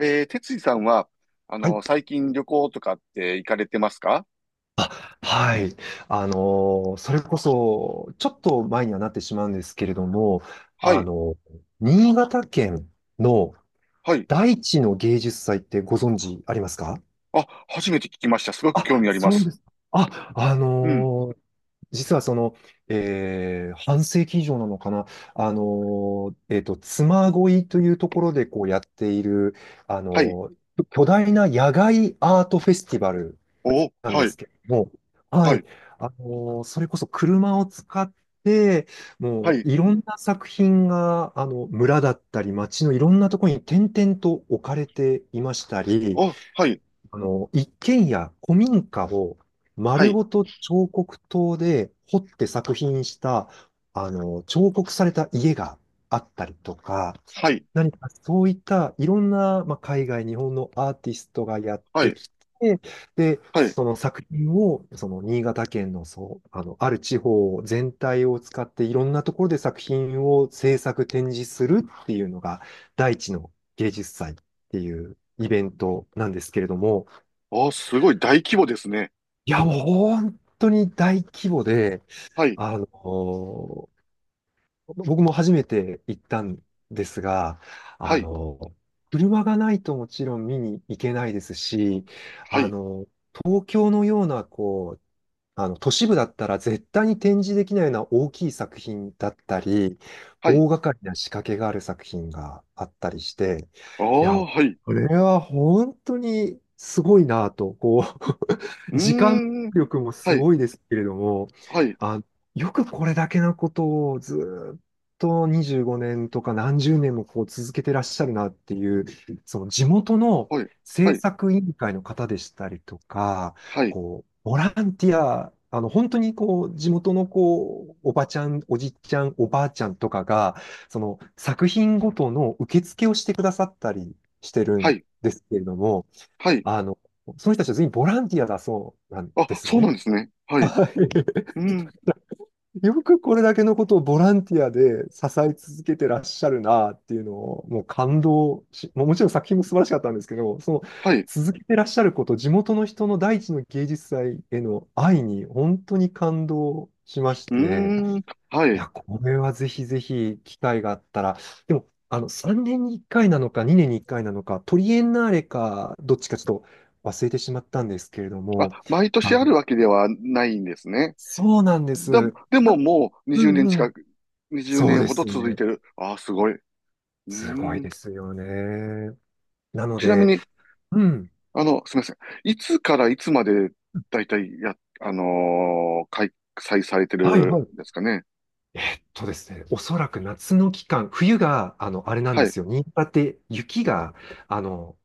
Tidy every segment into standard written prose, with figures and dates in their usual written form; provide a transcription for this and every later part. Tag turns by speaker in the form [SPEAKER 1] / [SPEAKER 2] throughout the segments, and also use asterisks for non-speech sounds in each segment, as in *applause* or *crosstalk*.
[SPEAKER 1] 哲司さんは、
[SPEAKER 2] はい。
[SPEAKER 1] 最近旅行とかって行かれてますか？
[SPEAKER 2] あ、はい。それこそ、ちょっと前にはなってしまうんですけれども、
[SPEAKER 1] は
[SPEAKER 2] あ
[SPEAKER 1] い、
[SPEAKER 2] の新潟県の
[SPEAKER 1] はい。
[SPEAKER 2] 大地の芸術祭ってご存知ありますか？
[SPEAKER 1] あ、初めて聞きました。すごく興
[SPEAKER 2] あ、
[SPEAKER 1] 味ありま
[SPEAKER 2] そう
[SPEAKER 1] す。
[SPEAKER 2] です。あ、あ
[SPEAKER 1] うん、
[SPEAKER 2] のー実はその、半世紀以上なのかな、妻恋というところでこうやっている、あ
[SPEAKER 1] はい。
[SPEAKER 2] のー巨大な野外アートフェスティバル
[SPEAKER 1] お、
[SPEAKER 2] なんで
[SPEAKER 1] はい、
[SPEAKER 2] すけども、は
[SPEAKER 1] は
[SPEAKER 2] い、
[SPEAKER 1] い、
[SPEAKER 2] それこそ車を使って、
[SPEAKER 1] は
[SPEAKER 2] もう
[SPEAKER 1] い。
[SPEAKER 2] いろんな作品が、村だったり、街のいろんなところに点々と置かれていましたり、
[SPEAKER 1] お、はい、
[SPEAKER 2] 一軒家、古民家を
[SPEAKER 1] は
[SPEAKER 2] 丸
[SPEAKER 1] い、
[SPEAKER 2] ごと彫刻刀で彫って作品した、彫刻された家があったりとか、
[SPEAKER 1] はい、
[SPEAKER 2] 何かそういったいろんな、まあ、海外、日本のアーティストがやっ
[SPEAKER 1] は
[SPEAKER 2] て
[SPEAKER 1] い、
[SPEAKER 2] きて、で、
[SPEAKER 1] はい。
[SPEAKER 2] その作品を、その新潟県の、そう、ある地方全体を使っていろんなところで作品を制作、展示するっていうのが、大地の芸術祭っていうイベントなんですけれども、
[SPEAKER 1] お、すごい大規模ですね。
[SPEAKER 2] いや、もう本当に大規模で、
[SPEAKER 1] はい、
[SPEAKER 2] あの、僕も初めて行ったんですが、あ
[SPEAKER 1] はい、
[SPEAKER 2] の、車がないともちろん見に行けないですし、
[SPEAKER 1] は
[SPEAKER 2] あ
[SPEAKER 1] い、
[SPEAKER 2] の、東京のような、こう、都市部だったら絶対に展示できないような大きい作品だったり、
[SPEAKER 1] はい。
[SPEAKER 2] 大掛かりな仕掛けがある作品があったりして、いや、
[SPEAKER 1] お、はい。
[SPEAKER 2] これは本当にすごいなと、こう、
[SPEAKER 1] う
[SPEAKER 2] 時間
[SPEAKER 1] ーん、
[SPEAKER 2] 力も
[SPEAKER 1] は
[SPEAKER 2] す
[SPEAKER 1] い、
[SPEAKER 2] ごいですけれども、
[SPEAKER 1] はい、
[SPEAKER 2] あ、よくこれだけのことをずーっと25年とか何十年もこう続けてらっしゃるなっていう、その地元の
[SPEAKER 1] はい、は
[SPEAKER 2] 政
[SPEAKER 1] い、
[SPEAKER 2] 策委員会の方でしたりとか、
[SPEAKER 1] はい、
[SPEAKER 2] こう、ボランティア、本当にこう、地元のこう、おばちゃん、おじちゃん、おばあちゃんとかが、その作品ごとの受付をしてくださったりしてる
[SPEAKER 1] は
[SPEAKER 2] ん
[SPEAKER 1] い、
[SPEAKER 2] ですけれども、
[SPEAKER 1] はい。
[SPEAKER 2] あの、その人たちは全員ボランティアだそうなん
[SPEAKER 1] あ、
[SPEAKER 2] です
[SPEAKER 1] そう
[SPEAKER 2] ね。
[SPEAKER 1] なんですね。はい。
[SPEAKER 2] は
[SPEAKER 1] う
[SPEAKER 2] い。だか
[SPEAKER 1] ん、
[SPEAKER 2] らよくこれだけのことをボランティアで支え続けてらっしゃるなっていうのを、もう感動し、もうもちろん作品も素晴らしかったんですけど、その
[SPEAKER 1] はい。
[SPEAKER 2] 続けてらっしゃること、地元の人の第一の芸術祭への愛に本当に感動しまし
[SPEAKER 1] う
[SPEAKER 2] て、
[SPEAKER 1] ーん、は
[SPEAKER 2] い
[SPEAKER 1] い。
[SPEAKER 2] や、これはぜひぜひ機会があったら、でも、3年に1回なのか、2年に1回なのか、トリエンナーレか、どっちかちょっと忘れてしまったんですけれども、
[SPEAKER 1] あ、毎
[SPEAKER 2] あ
[SPEAKER 1] 年あ
[SPEAKER 2] の、
[SPEAKER 1] るわけではないんですね。
[SPEAKER 2] そうなんで
[SPEAKER 1] だ、
[SPEAKER 2] す。
[SPEAKER 1] でも
[SPEAKER 2] あ、
[SPEAKER 1] もう
[SPEAKER 2] う
[SPEAKER 1] 20
[SPEAKER 2] ん
[SPEAKER 1] 年
[SPEAKER 2] う
[SPEAKER 1] 近
[SPEAKER 2] ん。
[SPEAKER 1] く、20
[SPEAKER 2] そう
[SPEAKER 1] 年
[SPEAKER 2] で
[SPEAKER 1] ほど
[SPEAKER 2] す
[SPEAKER 1] 続い
[SPEAKER 2] ね。
[SPEAKER 1] てる。ああ、すごい。うー
[SPEAKER 2] すごい
[SPEAKER 1] ん。
[SPEAKER 2] ですよね。なの
[SPEAKER 1] ちなみ
[SPEAKER 2] で、
[SPEAKER 1] に、
[SPEAKER 2] うん。
[SPEAKER 1] すみません。いつからいつまで、だいたいや、開催されて
[SPEAKER 2] はいは
[SPEAKER 1] るんで
[SPEAKER 2] い。
[SPEAKER 1] すかね？
[SPEAKER 2] えっとですね、おそらく夏の期間、冬が、あれなん
[SPEAKER 1] は
[SPEAKER 2] で
[SPEAKER 1] い。
[SPEAKER 2] すよ。新潟って雪が、あの、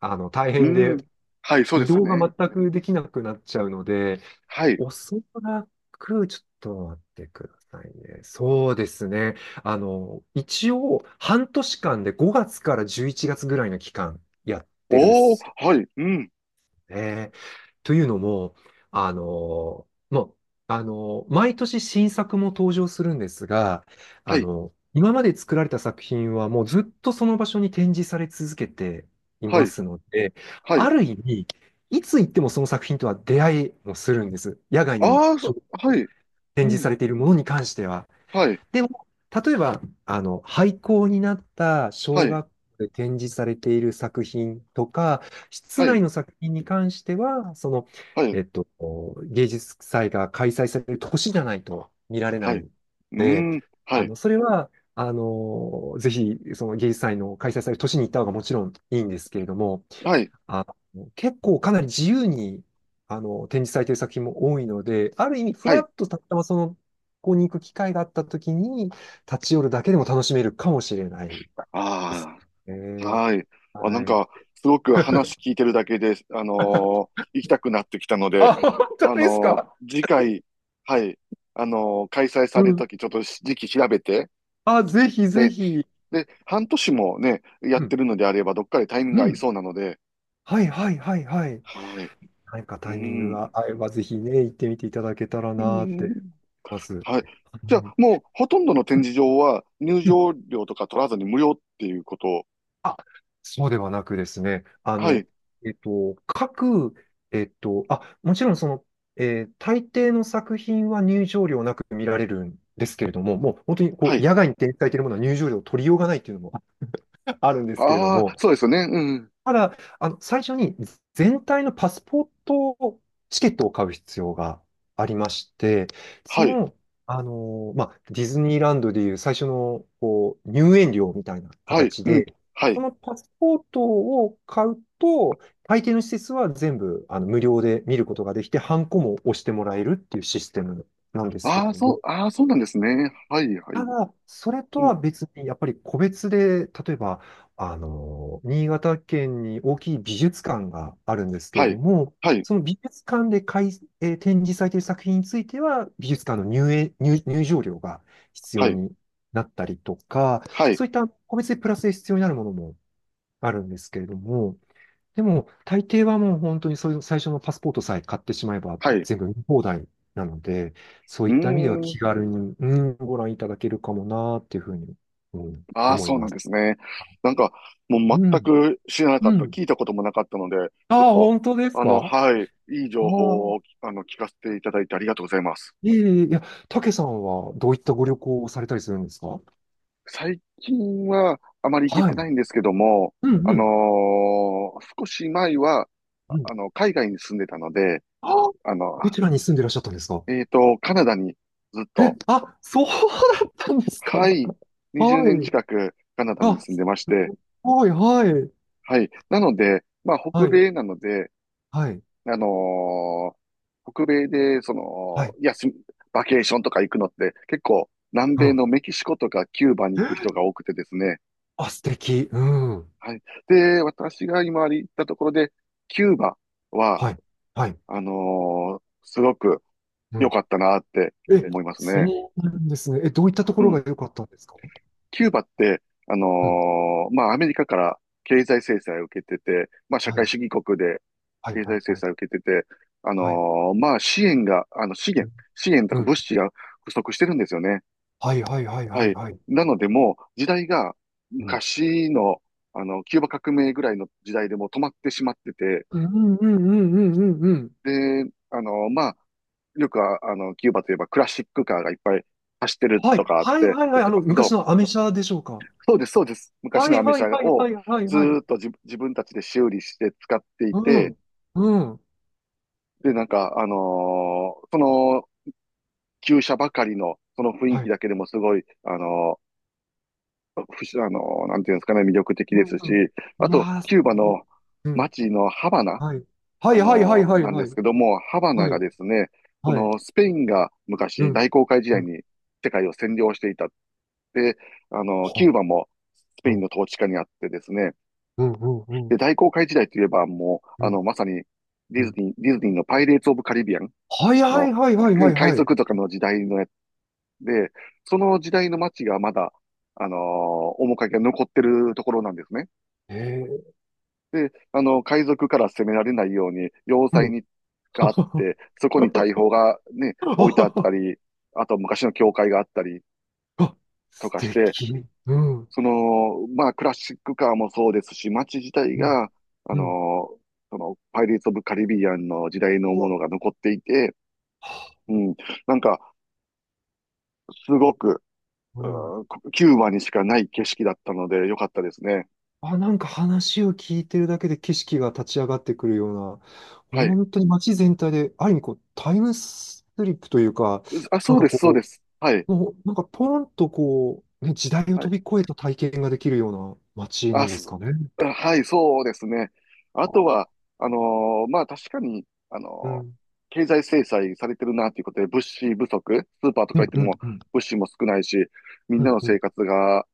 [SPEAKER 2] 大
[SPEAKER 1] う
[SPEAKER 2] 変
[SPEAKER 1] ー
[SPEAKER 2] で、
[SPEAKER 1] ん。はい、そうで
[SPEAKER 2] 移
[SPEAKER 1] すよ
[SPEAKER 2] 動が
[SPEAKER 1] ね。
[SPEAKER 2] 全くできなくなっちゃうので、
[SPEAKER 1] はい。
[SPEAKER 2] おそらく、ちょっと待ってくださいね。そうですね。一応、半年間で5月から11月ぐらいの期間やってる
[SPEAKER 1] おー、はい、うん。
[SPEAKER 2] ね。というのも、あの、もう、あの、毎年新作も登場するんですが、
[SPEAKER 1] はい、
[SPEAKER 2] 今まで作られた作品はもうずっとその場所に展示され続けてい
[SPEAKER 1] は
[SPEAKER 2] ま
[SPEAKER 1] い、
[SPEAKER 2] すので、
[SPEAKER 1] は
[SPEAKER 2] あ
[SPEAKER 1] い。
[SPEAKER 2] る意味、いつ行ってもその作品とは出会いもするんです。野外に
[SPEAKER 1] ああ、
[SPEAKER 2] ちょっ
[SPEAKER 1] そ
[SPEAKER 2] と
[SPEAKER 1] はい、う
[SPEAKER 2] 展示
[SPEAKER 1] ん。
[SPEAKER 2] されているものに関しては。
[SPEAKER 1] はい、
[SPEAKER 2] でも、例えば、廃校になった
[SPEAKER 1] は
[SPEAKER 2] 小
[SPEAKER 1] い、
[SPEAKER 2] 学校で展示されている作品とか、室
[SPEAKER 1] はい、
[SPEAKER 2] 内の作品に関しては、その、
[SPEAKER 1] はい、
[SPEAKER 2] えっと、芸術祭が開催される年じゃないと見られな
[SPEAKER 1] はい。
[SPEAKER 2] い
[SPEAKER 1] う
[SPEAKER 2] の
[SPEAKER 1] ー
[SPEAKER 2] で、
[SPEAKER 1] ん。はい、
[SPEAKER 2] それは、ぜひ、その芸術祭の開催される年に行った方がもちろんいいんですけれども、
[SPEAKER 1] はい、
[SPEAKER 2] あ結構かなり自由に、展示されている作品も多いので、ある意味、フ
[SPEAKER 1] は
[SPEAKER 2] ラ
[SPEAKER 1] い。
[SPEAKER 2] ッとたまたまその、ここに行く機会があったときに、立ち寄るだけでも楽しめるかもしれないです
[SPEAKER 1] ああ、
[SPEAKER 2] ね。
[SPEAKER 1] はい。あ、なん
[SPEAKER 2] はい。
[SPEAKER 1] か、すごく話聞いてるだけで、
[SPEAKER 2] *laughs*
[SPEAKER 1] 行きたくなってきたので、
[SPEAKER 2] あ、本当ですか？
[SPEAKER 1] 次回、はい、開催
[SPEAKER 2] う
[SPEAKER 1] される
[SPEAKER 2] ん。
[SPEAKER 1] とき、ちょっと時期調べて、
[SPEAKER 2] あ、ぜひぜ
[SPEAKER 1] で、
[SPEAKER 2] ひ。
[SPEAKER 1] で、半年もね、や
[SPEAKER 2] う
[SPEAKER 1] って
[SPEAKER 2] ん。
[SPEAKER 1] るのであれば、どっかでタイミングが
[SPEAKER 2] う
[SPEAKER 1] 合い
[SPEAKER 2] ん。
[SPEAKER 1] そうなので、
[SPEAKER 2] はいはいはいはい。
[SPEAKER 1] はい。
[SPEAKER 2] 何か
[SPEAKER 1] う
[SPEAKER 2] タイミングが
[SPEAKER 1] ん。
[SPEAKER 2] 合えば、ぜひね、行ってみていただけたら
[SPEAKER 1] う
[SPEAKER 2] なーって思
[SPEAKER 1] ん。
[SPEAKER 2] います。は
[SPEAKER 1] はい。じゃあ、
[SPEAKER 2] い、
[SPEAKER 1] もう、ほとんどの展示場は、入
[SPEAKER 2] うん、
[SPEAKER 1] 場料とか取らずに無料っていうことを。
[SPEAKER 2] あ、そうではなくですね、あ
[SPEAKER 1] は
[SPEAKER 2] の、
[SPEAKER 1] い、
[SPEAKER 2] えっと、各、えっと、あ、もちろんその、大抵の作品は入場料なく見られるんですけれども、もう本当にこ
[SPEAKER 1] は
[SPEAKER 2] う
[SPEAKER 1] い。
[SPEAKER 2] 野外に展開されているものは入場料を取りようがないっていうのも *laughs* あるんですけれど
[SPEAKER 1] あ
[SPEAKER 2] も、
[SPEAKER 1] あ、そうですよね。うん。
[SPEAKER 2] ただ、最初に全体のパスポートチケットを買う必要がありまして、そ
[SPEAKER 1] はい、
[SPEAKER 2] の、まあ、ディズニーランドでいう最初の、こう、入園料みたいな
[SPEAKER 1] はい、
[SPEAKER 2] 形
[SPEAKER 1] うん。
[SPEAKER 2] で、
[SPEAKER 1] は
[SPEAKER 2] そ
[SPEAKER 1] い。
[SPEAKER 2] のパスポートを買うと、大抵の施設は全部、無料で見ることができて、ハンコも押してもらえるっていうシステムなんですけれ
[SPEAKER 1] ああ、
[SPEAKER 2] ど
[SPEAKER 1] そ
[SPEAKER 2] も、
[SPEAKER 1] う、ああ、そうなんですね。はい、は
[SPEAKER 2] た
[SPEAKER 1] い。
[SPEAKER 2] だ、それと
[SPEAKER 1] う
[SPEAKER 2] は
[SPEAKER 1] ん。
[SPEAKER 2] 別に、やっぱり個別で、例えば、新潟県に大きい美術館があるんですけれ
[SPEAKER 1] は
[SPEAKER 2] ど
[SPEAKER 1] い、
[SPEAKER 2] も、
[SPEAKER 1] はい、
[SPEAKER 2] その美術館で開展示されている作品については、美術館の入園、入、入場料が必
[SPEAKER 1] は
[SPEAKER 2] 要
[SPEAKER 1] い、
[SPEAKER 2] になったりとか、
[SPEAKER 1] はい、
[SPEAKER 2] そういった個別でプラスで必要になるものもあるんですけれども、でも、大抵はもう本当にそういう最初のパスポートさえ買ってしまえば
[SPEAKER 1] はい。う
[SPEAKER 2] 全部見放題なので、そう
[SPEAKER 1] ー
[SPEAKER 2] いった意味では
[SPEAKER 1] ん。
[SPEAKER 2] 気軽に、うん、ご覧いただけるかもなーっていうふうに、うん、
[SPEAKER 1] ああ、
[SPEAKER 2] 思い
[SPEAKER 1] そうな
[SPEAKER 2] ま
[SPEAKER 1] ん
[SPEAKER 2] す。
[SPEAKER 1] ですね。なんか、もう
[SPEAKER 2] う
[SPEAKER 1] 全
[SPEAKER 2] ん。
[SPEAKER 1] く知らな
[SPEAKER 2] う
[SPEAKER 1] かった、
[SPEAKER 2] ん。
[SPEAKER 1] 聞いたこともなかったので、ちょっ
[SPEAKER 2] ああ、
[SPEAKER 1] と、
[SPEAKER 2] 本当ですか？
[SPEAKER 1] はい、いい
[SPEAKER 2] あ
[SPEAKER 1] 情報
[SPEAKER 2] あ、
[SPEAKER 1] を、聞かせていただいてありがとうございます。
[SPEAKER 2] いえいえ、いや、たけさんはどういったご旅行をされたりするんですか？
[SPEAKER 1] 最近はあまり行け
[SPEAKER 2] は
[SPEAKER 1] て
[SPEAKER 2] い。
[SPEAKER 1] ないんですけども、
[SPEAKER 2] うんうん。
[SPEAKER 1] 少し前は、
[SPEAKER 2] うん。
[SPEAKER 1] 海外に住んでたので、
[SPEAKER 2] ああ、
[SPEAKER 1] あの、
[SPEAKER 2] どちらに住んでいらっしゃったんですか？
[SPEAKER 1] カナダにずっ
[SPEAKER 2] え、
[SPEAKER 1] と。
[SPEAKER 2] あ、そうだったんですか？
[SPEAKER 1] はい。20
[SPEAKER 2] は
[SPEAKER 1] 年
[SPEAKER 2] い。
[SPEAKER 1] 近くカナダに
[SPEAKER 2] あ、
[SPEAKER 1] 住ん
[SPEAKER 2] す
[SPEAKER 1] でまして、
[SPEAKER 2] ごい、はい。
[SPEAKER 1] はい。なので、まあ、
[SPEAKER 2] は
[SPEAKER 1] 北
[SPEAKER 2] い。
[SPEAKER 1] 米なので、
[SPEAKER 2] はい。
[SPEAKER 1] あのー北米で、そ
[SPEAKER 2] は
[SPEAKER 1] の、
[SPEAKER 2] い。
[SPEAKER 1] バケーションとか行くのって、結構、南
[SPEAKER 2] う
[SPEAKER 1] 米
[SPEAKER 2] ん。
[SPEAKER 1] のメキシコとかキューバに行く人が多くてですね。
[SPEAKER 2] あ、素敵。うん。
[SPEAKER 1] はい。で、私が今行ったところで、キューバは、
[SPEAKER 2] はい。はい。
[SPEAKER 1] あのーすごく
[SPEAKER 2] う
[SPEAKER 1] 良
[SPEAKER 2] ん。
[SPEAKER 1] かったなって
[SPEAKER 2] え、
[SPEAKER 1] 思います
[SPEAKER 2] そ
[SPEAKER 1] ね。
[SPEAKER 2] うなんですね。え、どういったとこ
[SPEAKER 1] う
[SPEAKER 2] ろ
[SPEAKER 1] ん。
[SPEAKER 2] が良かったんですか？
[SPEAKER 1] キューバって、
[SPEAKER 2] うん。
[SPEAKER 1] まあ、アメリカから経済制裁を受けてて、まあ、社
[SPEAKER 2] は
[SPEAKER 1] 会
[SPEAKER 2] い。
[SPEAKER 1] 主義国で
[SPEAKER 2] はい。
[SPEAKER 1] 経
[SPEAKER 2] は
[SPEAKER 1] 済
[SPEAKER 2] い。
[SPEAKER 1] 制
[SPEAKER 2] はい。
[SPEAKER 1] 裁を受けてて、
[SPEAKER 2] はい。
[SPEAKER 1] まあ、支援が、資源と
[SPEAKER 2] う
[SPEAKER 1] か
[SPEAKER 2] ん。
[SPEAKER 1] 物資が不足してるんですよね。
[SPEAKER 2] はい。はい。はい。
[SPEAKER 1] は
[SPEAKER 2] はい。
[SPEAKER 1] い。
[SPEAKER 2] はい。
[SPEAKER 1] なので、もう、時代が
[SPEAKER 2] うん。
[SPEAKER 1] 昔の、キューバ革命ぐらいの時代でもう止まってしまってて、
[SPEAKER 2] うんうんうんうんうんうん。
[SPEAKER 1] で、まあ、よくは、キューバといえばクラシックカーがいっぱい走ってる
[SPEAKER 2] は
[SPEAKER 1] と
[SPEAKER 2] い。
[SPEAKER 1] かあっ
[SPEAKER 2] はい。
[SPEAKER 1] て、
[SPEAKER 2] はい。は
[SPEAKER 1] 出
[SPEAKER 2] い。
[SPEAKER 1] てますけ
[SPEAKER 2] 昔
[SPEAKER 1] ど、
[SPEAKER 2] のアメ車でしょうか？
[SPEAKER 1] そうです、そうです。
[SPEAKER 2] は
[SPEAKER 1] 昔の
[SPEAKER 2] い。
[SPEAKER 1] アメ
[SPEAKER 2] は
[SPEAKER 1] 車
[SPEAKER 2] い。はい。
[SPEAKER 1] を
[SPEAKER 2] はい。はい。
[SPEAKER 1] ず
[SPEAKER 2] はい。
[SPEAKER 1] ーっと自分たちで修理して使ってい
[SPEAKER 2] う
[SPEAKER 1] て、
[SPEAKER 2] ん。うん。
[SPEAKER 1] で、なんか、その、旧車ばかりの、その雰囲
[SPEAKER 2] は
[SPEAKER 1] 気
[SPEAKER 2] い。
[SPEAKER 1] だけでもすごい、あのー不思あのーなんていうんですかね、魅力的
[SPEAKER 2] う
[SPEAKER 1] で
[SPEAKER 2] ん
[SPEAKER 1] す
[SPEAKER 2] う
[SPEAKER 1] し、
[SPEAKER 2] ん。
[SPEAKER 1] あ
[SPEAKER 2] いや
[SPEAKER 1] と、
[SPEAKER 2] ー、素
[SPEAKER 1] キューバ
[SPEAKER 2] 敵。
[SPEAKER 1] の
[SPEAKER 2] うん。
[SPEAKER 1] 街のハバナ、
[SPEAKER 2] はい。はい。はい。はい。はい。
[SPEAKER 1] なん
[SPEAKER 2] は
[SPEAKER 1] です
[SPEAKER 2] い。
[SPEAKER 1] けども、ハバナ
[SPEAKER 2] は
[SPEAKER 1] が
[SPEAKER 2] い。
[SPEAKER 1] ですね、そ
[SPEAKER 2] はい。
[SPEAKER 1] の、スペインが
[SPEAKER 2] う
[SPEAKER 1] 昔、
[SPEAKER 2] ん。
[SPEAKER 1] 大航海時
[SPEAKER 2] う
[SPEAKER 1] 代
[SPEAKER 2] ん。
[SPEAKER 1] に世界を占領していたって、キュー
[SPEAKER 2] は
[SPEAKER 1] バもスペイン
[SPEAKER 2] あ。
[SPEAKER 1] の統治下にあってですね、
[SPEAKER 2] うんうんう
[SPEAKER 1] で、
[SPEAKER 2] ん
[SPEAKER 1] 大航海時代といえば、もう、
[SPEAKER 2] うん
[SPEAKER 1] まさに、
[SPEAKER 2] うん。
[SPEAKER 1] ディズニーのパイレーツ・オブ・カリビアン
[SPEAKER 2] はいは
[SPEAKER 1] の、
[SPEAKER 2] いはいはいはい
[SPEAKER 1] 海
[SPEAKER 2] はい。
[SPEAKER 1] 賊とかの時代のやつで、その時代の街がまだ、面影が残ってるところなんですね。
[SPEAKER 2] ええ、
[SPEAKER 1] で、海賊から攻められないように、要
[SPEAKER 2] う
[SPEAKER 1] 塞
[SPEAKER 2] ん。
[SPEAKER 1] があって、そこに大砲が
[SPEAKER 2] *laughs*
[SPEAKER 1] ね、置いてあっ
[SPEAKER 2] あ、
[SPEAKER 1] たり、あと昔の教会があったりと
[SPEAKER 2] 素
[SPEAKER 1] かして、
[SPEAKER 2] 敵。うん。
[SPEAKER 1] その、まあ、クラシックカーもそうですし、街自体
[SPEAKER 2] うん。
[SPEAKER 1] が、あ
[SPEAKER 2] うん。
[SPEAKER 1] の、その、パイレーツ・オブ・カリビアンの時代の
[SPEAKER 2] う
[SPEAKER 1] も
[SPEAKER 2] わ。
[SPEAKER 1] のが残っていて、うん、なんか、すごく、
[SPEAKER 2] う
[SPEAKER 1] う
[SPEAKER 2] ん。
[SPEAKER 1] ん、キューバにしかない景色だったので、良かったですね。
[SPEAKER 2] あ、なんか話を聞いてるだけで景色が立ち上がってくるよう
[SPEAKER 1] は
[SPEAKER 2] な、
[SPEAKER 1] い。
[SPEAKER 2] 本当に街全体で、ある意味こう、タイムスリップというか、
[SPEAKER 1] あ、
[SPEAKER 2] な
[SPEAKER 1] そ
[SPEAKER 2] ん
[SPEAKER 1] う
[SPEAKER 2] か
[SPEAKER 1] です、そうで
[SPEAKER 2] こ
[SPEAKER 1] す。はい。
[SPEAKER 2] う、もう、なんかポンとこう、ね、時代を
[SPEAKER 1] は
[SPEAKER 2] 飛
[SPEAKER 1] い、
[SPEAKER 2] び越えた体験ができるような街な
[SPEAKER 1] あ、
[SPEAKER 2] んですかね？
[SPEAKER 1] はい、そうですね。あと
[SPEAKER 2] あ、
[SPEAKER 1] は、あのまあ確かに、あ
[SPEAKER 2] う
[SPEAKER 1] のー
[SPEAKER 2] ん。
[SPEAKER 1] 経済制裁されてるなということで、物資不足、スーパーと
[SPEAKER 2] う
[SPEAKER 1] か行っ
[SPEAKER 2] ん
[SPEAKER 1] て
[SPEAKER 2] うん
[SPEAKER 1] も
[SPEAKER 2] うん。
[SPEAKER 1] 物資も少ないし、みん
[SPEAKER 2] う
[SPEAKER 1] な
[SPEAKER 2] ん
[SPEAKER 1] の
[SPEAKER 2] うんうん。
[SPEAKER 1] 生活が、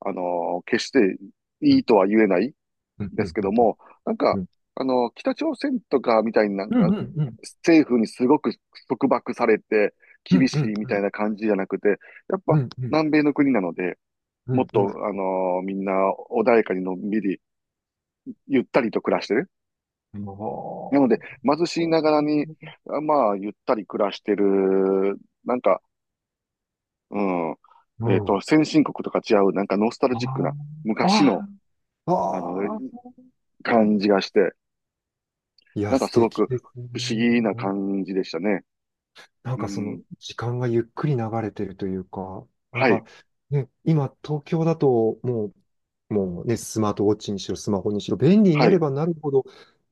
[SPEAKER 1] 決していいとは言えない
[SPEAKER 2] うんう
[SPEAKER 1] です
[SPEAKER 2] ん
[SPEAKER 1] けども、なん
[SPEAKER 2] う
[SPEAKER 1] か、
[SPEAKER 2] ん
[SPEAKER 1] 北朝鮮とかみたいになん
[SPEAKER 2] うん
[SPEAKER 1] か、
[SPEAKER 2] うん
[SPEAKER 1] 政府にすごく束縛されて
[SPEAKER 2] う
[SPEAKER 1] 厳
[SPEAKER 2] んう
[SPEAKER 1] し
[SPEAKER 2] ん
[SPEAKER 1] いみたいな感じじゃなくて、やっ
[SPEAKER 2] う
[SPEAKER 1] ぱ
[SPEAKER 2] んうんうん
[SPEAKER 1] 南米の国なので、
[SPEAKER 2] う
[SPEAKER 1] もっ
[SPEAKER 2] ん
[SPEAKER 1] と、みんな穏やかにのんびり、ゆったりと暮らしてる。
[SPEAKER 2] うん、
[SPEAKER 1] な
[SPEAKER 2] お
[SPEAKER 1] ので、貧しいながらに、
[SPEAKER 2] ー、
[SPEAKER 1] まあ、ゆったり暮らしてる、なんか、う
[SPEAKER 2] う
[SPEAKER 1] ん、
[SPEAKER 2] ん、
[SPEAKER 1] 先進国とか違う、なんかノスタル
[SPEAKER 2] あ
[SPEAKER 1] ジックな、
[SPEAKER 2] ー、
[SPEAKER 1] 昔の、
[SPEAKER 2] あー、
[SPEAKER 1] あの、
[SPEAKER 2] あー、
[SPEAKER 1] 感じがして、
[SPEAKER 2] いや、
[SPEAKER 1] なんか
[SPEAKER 2] 素
[SPEAKER 1] すご
[SPEAKER 2] 敵
[SPEAKER 1] く
[SPEAKER 2] ですね。
[SPEAKER 1] 不思議な
[SPEAKER 2] うん、
[SPEAKER 1] 感じでしたね。
[SPEAKER 2] なん
[SPEAKER 1] う
[SPEAKER 2] かそ
[SPEAKER 1] ん。
[SPEAKER 2] の時間がゆっくり流れてるというか、なん
[SPEAKER 1] は
[SPEAKER 2] か
[SPEAKER 1] い、
[SPEAKER 2] ね、今東京だともう、もうね、スマートウォッチにしろ、スマホにしろ、便利に
[SPEAKER 1] は
[SPEAKER 2] なれ
[SPEAKER 1] い、
[SPEAKER 2] ばなるほど、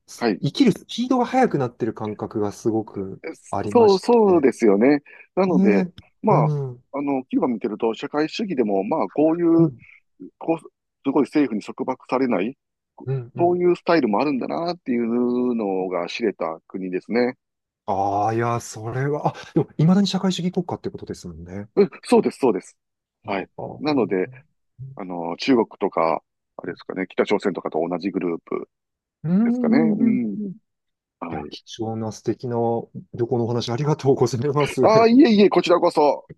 [SPEAKER 2] す
[SPEAKER 1] はい。
[SPEAKER 2] 生きるスピードが速くなってる感覚がすごくありま
[SPEAKER 1] そう、
[SPEAKER 2] し
[SPEAKER 1] そうで
[SPEAKER 2] て。
[SPEAKER 1] すよね。なので、
[SPEAKER 2] ね、う
[SPEAKER 1] まあ、
[SPEAKER 2] ん。
[SPEAKER 1] キューバ見てると、社会主義でも、まあ、こうい
[SPEAKER 2] う
[SPEAKER 1] う
[SPEAKER 2] ん
[SPEAKER 1] こう、すごい政府に束縛されない、
[SPEAKER 2] うんう
[SPEAKER 1] そう
[SPEAKER 2] ん。
[SPEAKER 1] いうスタイルもあるんだなっていうのが知れた国ですね。
[SPEAKER 2] ああ、いや、それは、あ、でも、いまだに社会主義国家ってことですもんね。
[SPEAKER 1] うん、そうです、そうです。
[SPEAKER 2] あ
[SPEAKER 1] はい。
[SPEAKER 2] あ、
[SPEAKER 1] な
[SPEAKER 2] う
[SPEAKER 1] ので、
[SPEAKER 2] ん
[SPEAKER 1] 中国とか、あれですかね、北朝鮮とかと同じグループ
[SPEAKER 2] う
[SPEAKER 1] ですかね？
[SPEAKER 2] ん
[SPEAKER 1] う
[SPEAKER 2] うん
[SPEAKER 1] ん。
[SPEAKER 2] うん。い
[SPEAKER 1] は
[SPEAKER 2] や、
[SPEAKER 1] い。
[SPEAKER 2] 貴重な素敵な旅行のお話ありがとうございます。
[SPEAKER 1] ああ、いえいえ、こちらこそ。